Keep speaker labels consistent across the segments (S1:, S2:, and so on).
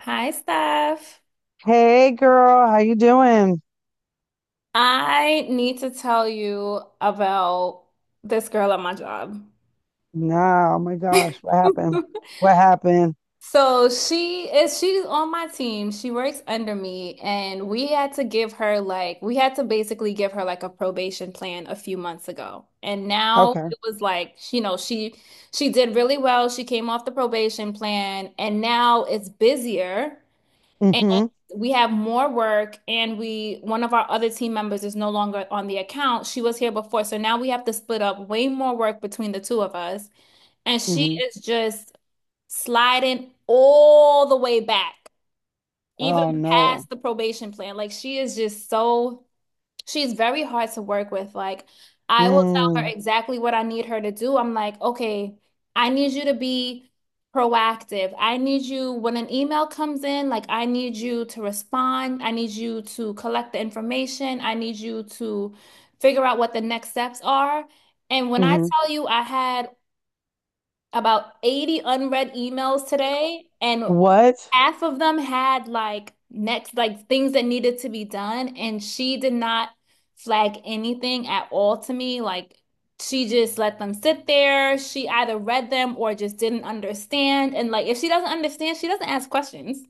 S1: Hi, Steph.
S2: Hey girl, how you doing?
S1: I need to tell you about this girl at my job.
S2: No, oh my gosh, what happened? What happened?
S1: She's on my team. She works under me, and we had to give her like we had to basically give her like a probation plan a few months ago. And now
S2: Okay.
S1: it was like, you know, she did really well. She came off the probation plan, and now it's busier.
S2: Mm-hmm.
S1: We have more work, and we one of our other team members is no longer on the account. She was here before, so now we have to split up way more work between the two of us. And she
S2: Mm-hmm.
S1: is just sliding all the way back, even
S2: Oh no.
S1: past the probation plan. Like she is just so She's very hard to work with. Like, I will tell her
S2: Mm,
S1: exactly what I need her to do. I'm like, okay, I need you to be proactive. I need you, when an email comes in, like, I need you to respond. I need you to collect the information. I need you to figure out what the next steps are. And when I
S2: mm-hmm.
S1: tell you I had about 80 unread emails today, and
S2: What?
S1: half of them had like things that needed to be done. And she did not flag anything at all to me. Like she just let them sit there. She either read them or just didn't understand. And like if she doesn't understand, she doesn't ask questions.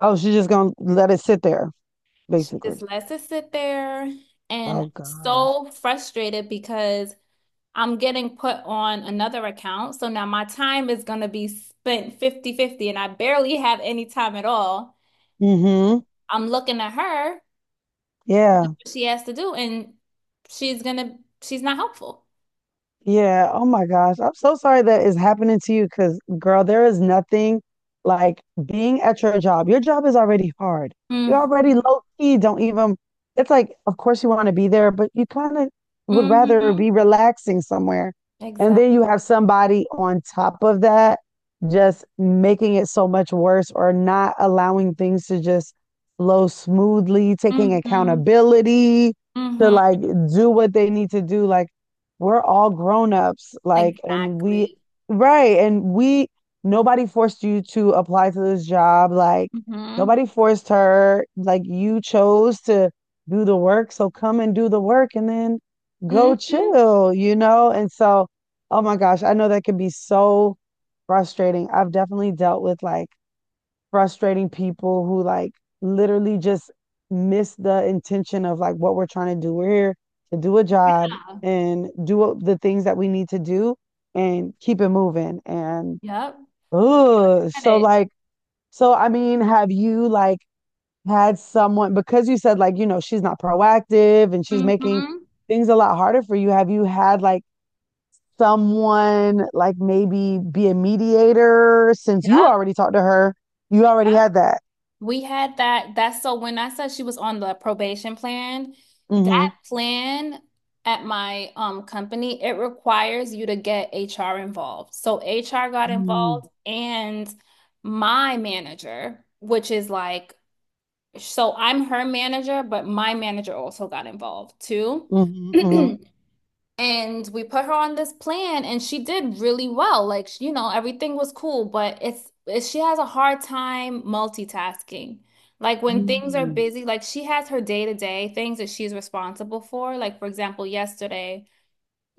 S2: Oh, she's just gonna let it sit there,
S1: She
S2: basically.
S1: just lets it sit there. And I'm
S2: Oh gosh.
S1: so frustrated because I'm getting put on another account. So now my time is going to be spent 50-50, and I barely have any time at all.
S2: Mm-hmm.
S1: I'm looking at her, what
S2: Yeah.
S1: she has to do, and she's going to, she's not helpful.
S2: Yeah. Oh my gosh, I'm so sorry that is happening to you because, girl, there is nothing like being at your job. Your job is already hard. You're
S1: Mm-hmm.
S2: already low key. Don't even, It's like, of course, you want to be there, but you kind of would rather
S1: Mm-hmm.
S2: be relaxing somewhere. And
S1: Exactly.
S2: then you have somebody on top of that just making it so much worse, or not allowing things to just flow smoothly, taking
S1: Mm-hmm.
S2: accountability to
S1: Mm-hmm.
S2: like do what they need to do. Like, we're all grown-ups, like,
S1: Exactly.
S2: right, nobody forced you to apply to this job, like,
S1: Mm-hmm.
S2: nobody forced her, like, you chose to do the work, so come and do the work and then go
S1: Mm-hmm.
S2: chill, you know? And so, oh my gosh, I know that can be so frustrating. I've definitely dealt with like frustrating people who like literally just miss the intention of like what we're trying to do. We're here to do a job
S1: Yeah.
S2: and do the things that we need to do and keep it moving. And
S1: Yep.
S2: ugh,
S1: Get
S2: so
S1: it.
S2: like, so I mean, have you like had someone, because you said like, you know, she's not proactive and she's making
S1: Mm-hmm.
S2: things a lot harder for you. Have you had like someone like maybe be a mediator since you
S1: Yep.
S2: already talked to her? You already had that.
S1: We had that. That's, so when I said she was on the probation plan,
S2: Hmm.
S1: that plan at my company, it requires you to get HR involved. So HR got
S2: Mm,
S1: involved, and my manager, which is like, so I'm her manager, but my manager also got involved too.
S2: mhm, mhm,
S1: And we put her on this plan and she did really well. Like, you know, everything was cool, but it's she has a hard time multitasking. Like when things are
S2: mm,
S1: busy, like she has her day-to-day things that she's responsible for. Like for example, yesterday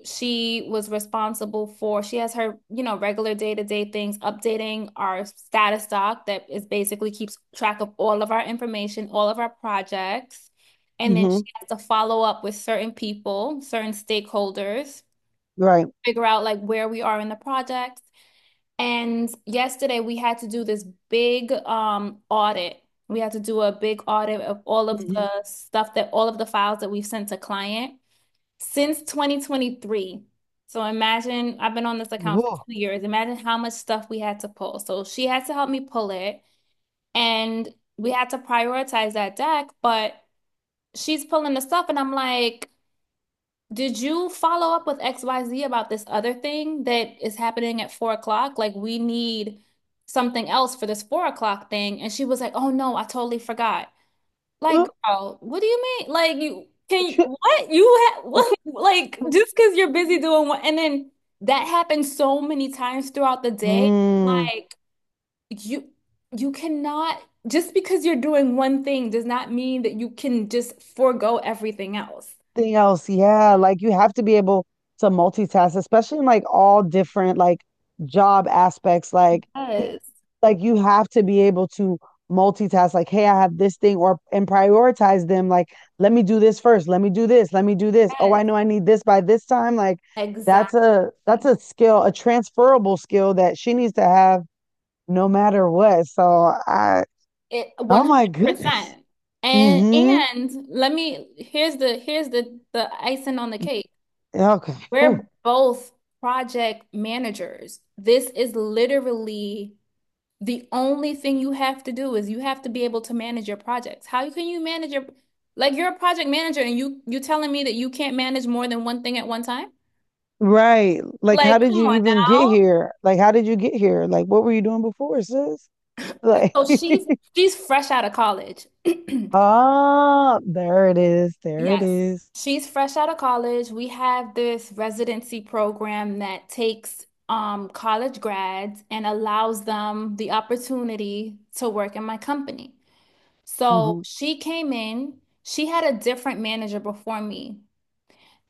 S1: she was responsible for, she has her, you know, regular day-to-day things, updating our status doc that is basically keeps track of all of our information, all of our projects, and then she
S2: mhm,
S1: has to follow up with certain people, certain stakeholders,
S2: right.
S1: figure out like where we are in the project. And yesterday we had to do this big audit. We had to do a big audit of all of
S2: Mm-hmm.
S1: the stuff, that all of the files that we've sent to client since 2023. So imagine I've been on this account for two
S2: Oh,
S1: years. Imagine how much stuff we had to pull. So she had to help me pull it, and we had to prioritize that deck, but she's pulling the stuff, and I'm like, did you follow up with XYZ about this other thing that is happening at 4 o'clock? Like, we need something else for this 4 o'clock thing. And she was like, oh no, I totally forgot. Like,
S2: uh,
S1: girl, what do you mean? Like, you can you,
S2: shit.
S1: what you have
S2: Oh,
S1: like just because you're
S2: yeah.
S1: busy doing what, and then that happens so many times throughout the day.
S2: Mm.
S1: Like, you you cannot, just because you're doing one thing, does not mean that you can just forego everything else.
S2: Thing else, yeah, like you have to be able to multitask, especially in like all different like job aspects. Like, y-
S1: Yes.
S2: like you have to be able to multitask. Like, hey, I have this thing, or and prioritize them. Like, let me do this first. Let me do this. Let me do this. Oh,
S1: Yes,
S2: I know I need this by this time. Like, that's
S1: exactly.
S2: a that's a skill, a transferable skill that she needs to have no matter what. So I,
S1: It
S2: oh my goodness.
S1: 100%. And
S2: Mm-hmm.
S1: and let me, here's the the icing on the cake.
S2: Okay. Oof.
S1: We're both project managers. This is literally the only thing you have to do, is you have to be able to manage your projects. How can you manage your Like you're a project manager and you telling me that you can't manage more than one thing at one time?
S2: Right. Like, how
S1: Like,
S2: did
S1: come
S2: you
S1: on
S2: even get
S1: now.
S2: here? Like, how did you get here? Like, what were you doing before, sis? Like,
S1: So she's she's fresh out of college.
S2: ah, there it is. There it
S1: Yes.
S2: is.
S1: She's fresh out of college. We have this residency program that takes college grads and allows them the opportunity to work in my company. So
S2: Mm-hmm.
S1: she came in, she had a different manager before me.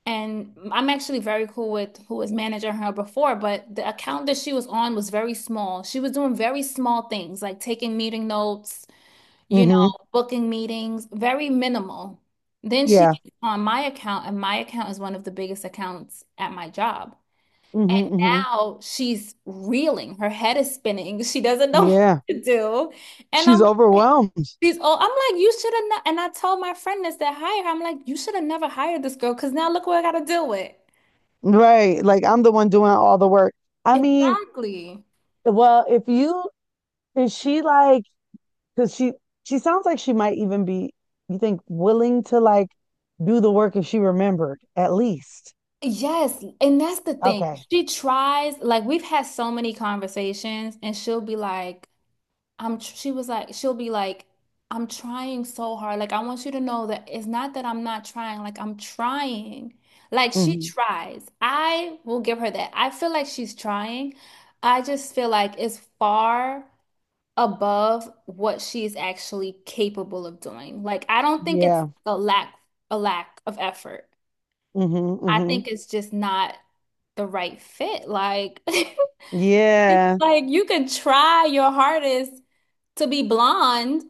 S1: And I'm actually very cool with who was managing her before, but the account that she was on was very small. She was doing very small things like taking meeting notes, you know,
S2: Mm-hmm.
S1: booking meetings, very minimal. Then she
S2: Yeah.
S1: gets on my account, and my account is one of the biggest accounts at my job.
S2: Mm-hmm. Hmm.
S1: Now she's reeling, her head is spinning, she doesn't know what
S2: Yeah.
S1: to do. And
S2: She's
S1: I'm like,
S2: overwhelmed.
S1: she's all, I'm like, you should have, and I told my friend this, that hired her, I'm like, you should have never hired this girl because now look what I got to deal with.
S2: Right. Like, I'm the one doing all the work. I mean,
S1: Exactly.
S2: well, if you, is she like, because she sounds like she might even be, you think, willing to like do the work if she remembered, at least.
S1: Yes, and that's the thing.
S2: Okay.
S1: She tries, like, we've had so many conversations, and she'll be like, I'm tr- she was like she'll be like I'm trying so hard. Like I want you to know that it's not that I'm not trying. Like I'm trying. Like she
S2: Hmm.
S1: tries. I will give her that. I feel like she's trying. I just feel like it's far above what she's actually capable of doing. Like I don't think it's
S2: Yeah.
S1: a lack of effort.
S2: Mm-hmm,
S1: I
S2: mm-hmm.
S1: think it's just not the right fit. Like it's
S2: Yeah,
S1: like you can try your hardest to be blonde,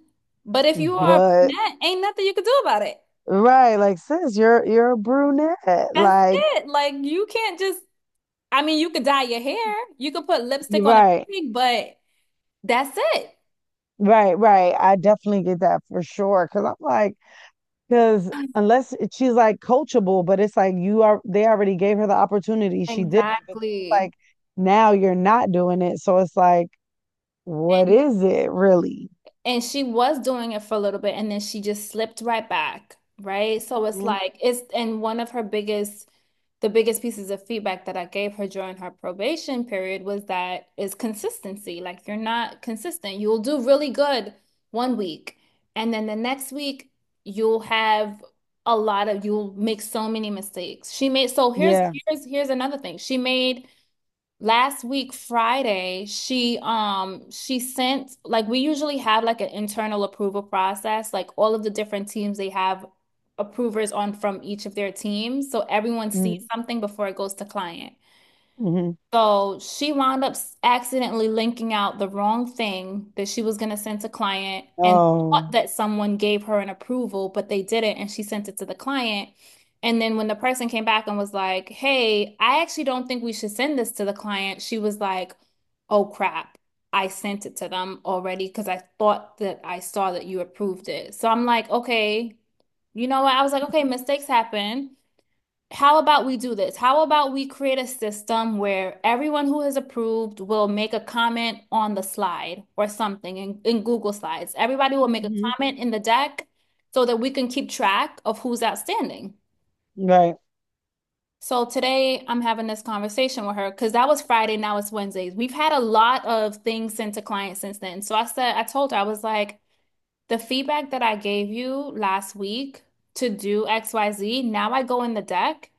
S1: but if you are a
S2: but
S1: brunette, ain't nothing you can do about it.
S2: right, like sis, you're a brunette.
S1: That's
S2: Like
S1: it. Like you can't just, I mean, you could dye your hair, you could put lipstick
S2: you're
S1: on a
S2: right,
S1: pig, but that's it.
S2: right, right. I definitely get that for sure. Cause I'm like, cause unless it- she's like coachable, but it's like you are they already gave her the opportunity. She didn't, but it's
S1: Exactly.
S2: like now you're not doing it. So it's like, what is it really?
S1: And she was doing it for a little bit and then she just slipped right back, right? So it's
S2: Mhm.
S1: like it's and one of her biggest the biggest pieces of feedback that I gave her during her probation period was that, is consistency. Like you're not consistent. You'll do really good one week and then the next week you'll have a lot of you'll make so many mistakes. She made so here's
S2: Yeah.
S1: here's here's another thing. She made last week Friday, she sent, like we usually have like an internal approval process, like all of the different teams, they have approvers on from each of their teams, so everyone sees
S2: Mm-hmm,
S1: something before it goes to client.
S2: mm-hmm.
S1: So she wound up accidentally linking out the wrong thing that she was going to send to client and
S2: Oh.
S1: thought that someone gave her an approval, but they didn't, and she sent it to the client. And then when the person came back and was like, "Hey, I actually don't think we should send this to the client," she was like, "Oh crap, I sent it to them already because I thought that I saw that you approved it." So I'm like, "Okay, you know what?" I was like, "Okay, mistakes happen." How about we do this? How about we create a system where everyone who is approved will make a comment on the slide or something in Google Slides? Everybody will make a
S2: Hmm.
S1: comment in the deck so that we can keep track of who's outstanding.
S2: Right.
S1: So today I'm having this conversation with her because that was Friday, now it's Wednesdays. We've had a lot of things sent to clients since then. So I said, I told her, I was like, the feedback that I gave you last week to do XYZ, now I go in the deck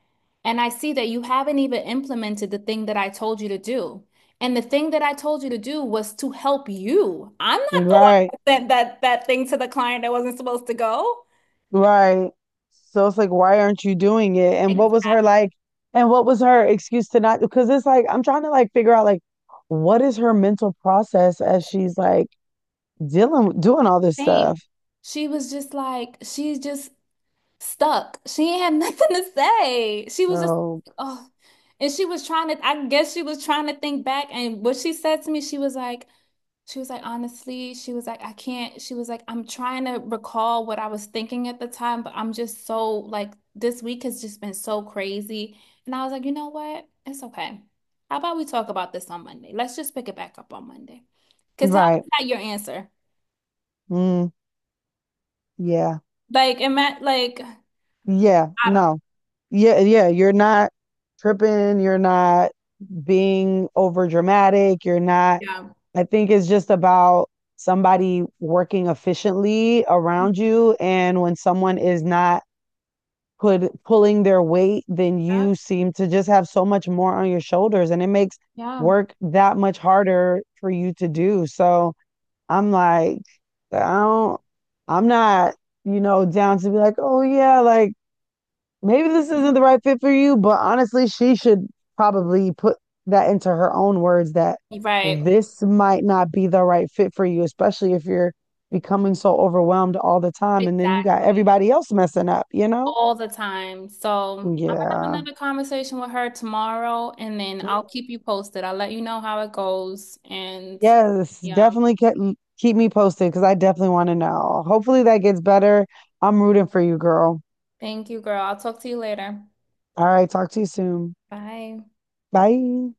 S1: and I see that you haven't even implemented the thing that I told you to do. And the thing that I told you to do was to help you. I'm not the
S2: Right.
S1: one that sent that thing to the client that wasn't supposed to go.
S2: Right. So it's like, why aren't you doing it? And
S1: Like,
S2: what was her like? And what was her excuse to not? Because it's like, I'm trying to like figure out like, what is her mental process as she's like dealing, doing all this
S1: Same.
S2: stuff?
S1: She was just like, she's just stuck. She ain't had nothing to say. She was just,
S2: So
S1: oh. And she was trying to, I guess she was trying to think back. And what she said to me, she was like, honestly, she was like, I can't. She was like, I'm trying to recall what I was thinking at the time, but I'm just so like, this week has just been so crazy. And I was like, you know what? It's okay. How about we talk about this on Monday? Let's just pick it back up on Monday. Because how
S2: right.
S1: is that your answer?
S2: Mm, yeah.
S1: Like, it meant like,
S2: Yeah.
S1: I don't know.
S2: No. Yeah. Yeah. You're not tripping. You're not being over dramatic. You're not,
S1: Yeah.
S2: I think it's just about somebody working efficiently around
S1: Mhm.
S2: you. And when someone is not, could pulling their weight, then
S1: Yep.
S2: you seem to just have so much more on your shoulders and it makes
S1: Yeah.
S2: work that much harder for you to do. So I'm like, I don't, I'm not, you know, down to be like, oh yeah, like maybe this isn't
S1: Mhm.
S2: the right fit for you. But honestly, she should probably put that into her own words, that
S1: Right.
S2: this might not be the right fit for you, especially if you're becoming so overwhelmed all the time. And then you got
S1: Exactly.
S2: everybody else messing up, you know?
S1: All the time. So I'm gonna have
S2: Yeah.
S1: another conversation with her tomorrow and then
S2: Mm,
S1: I'll keep you posted. I'll let you know how it goes. And
S2: yes,
S1: yeah,
S2: definitely ke- keep me posted because I definitely want to know. Hopefully that gets better. I'm rooting for you, girl.
S1: thank you, girl. I'll talk to you later.
S2: All right, talk to you soon.
S1: Bye.
S2: Bye.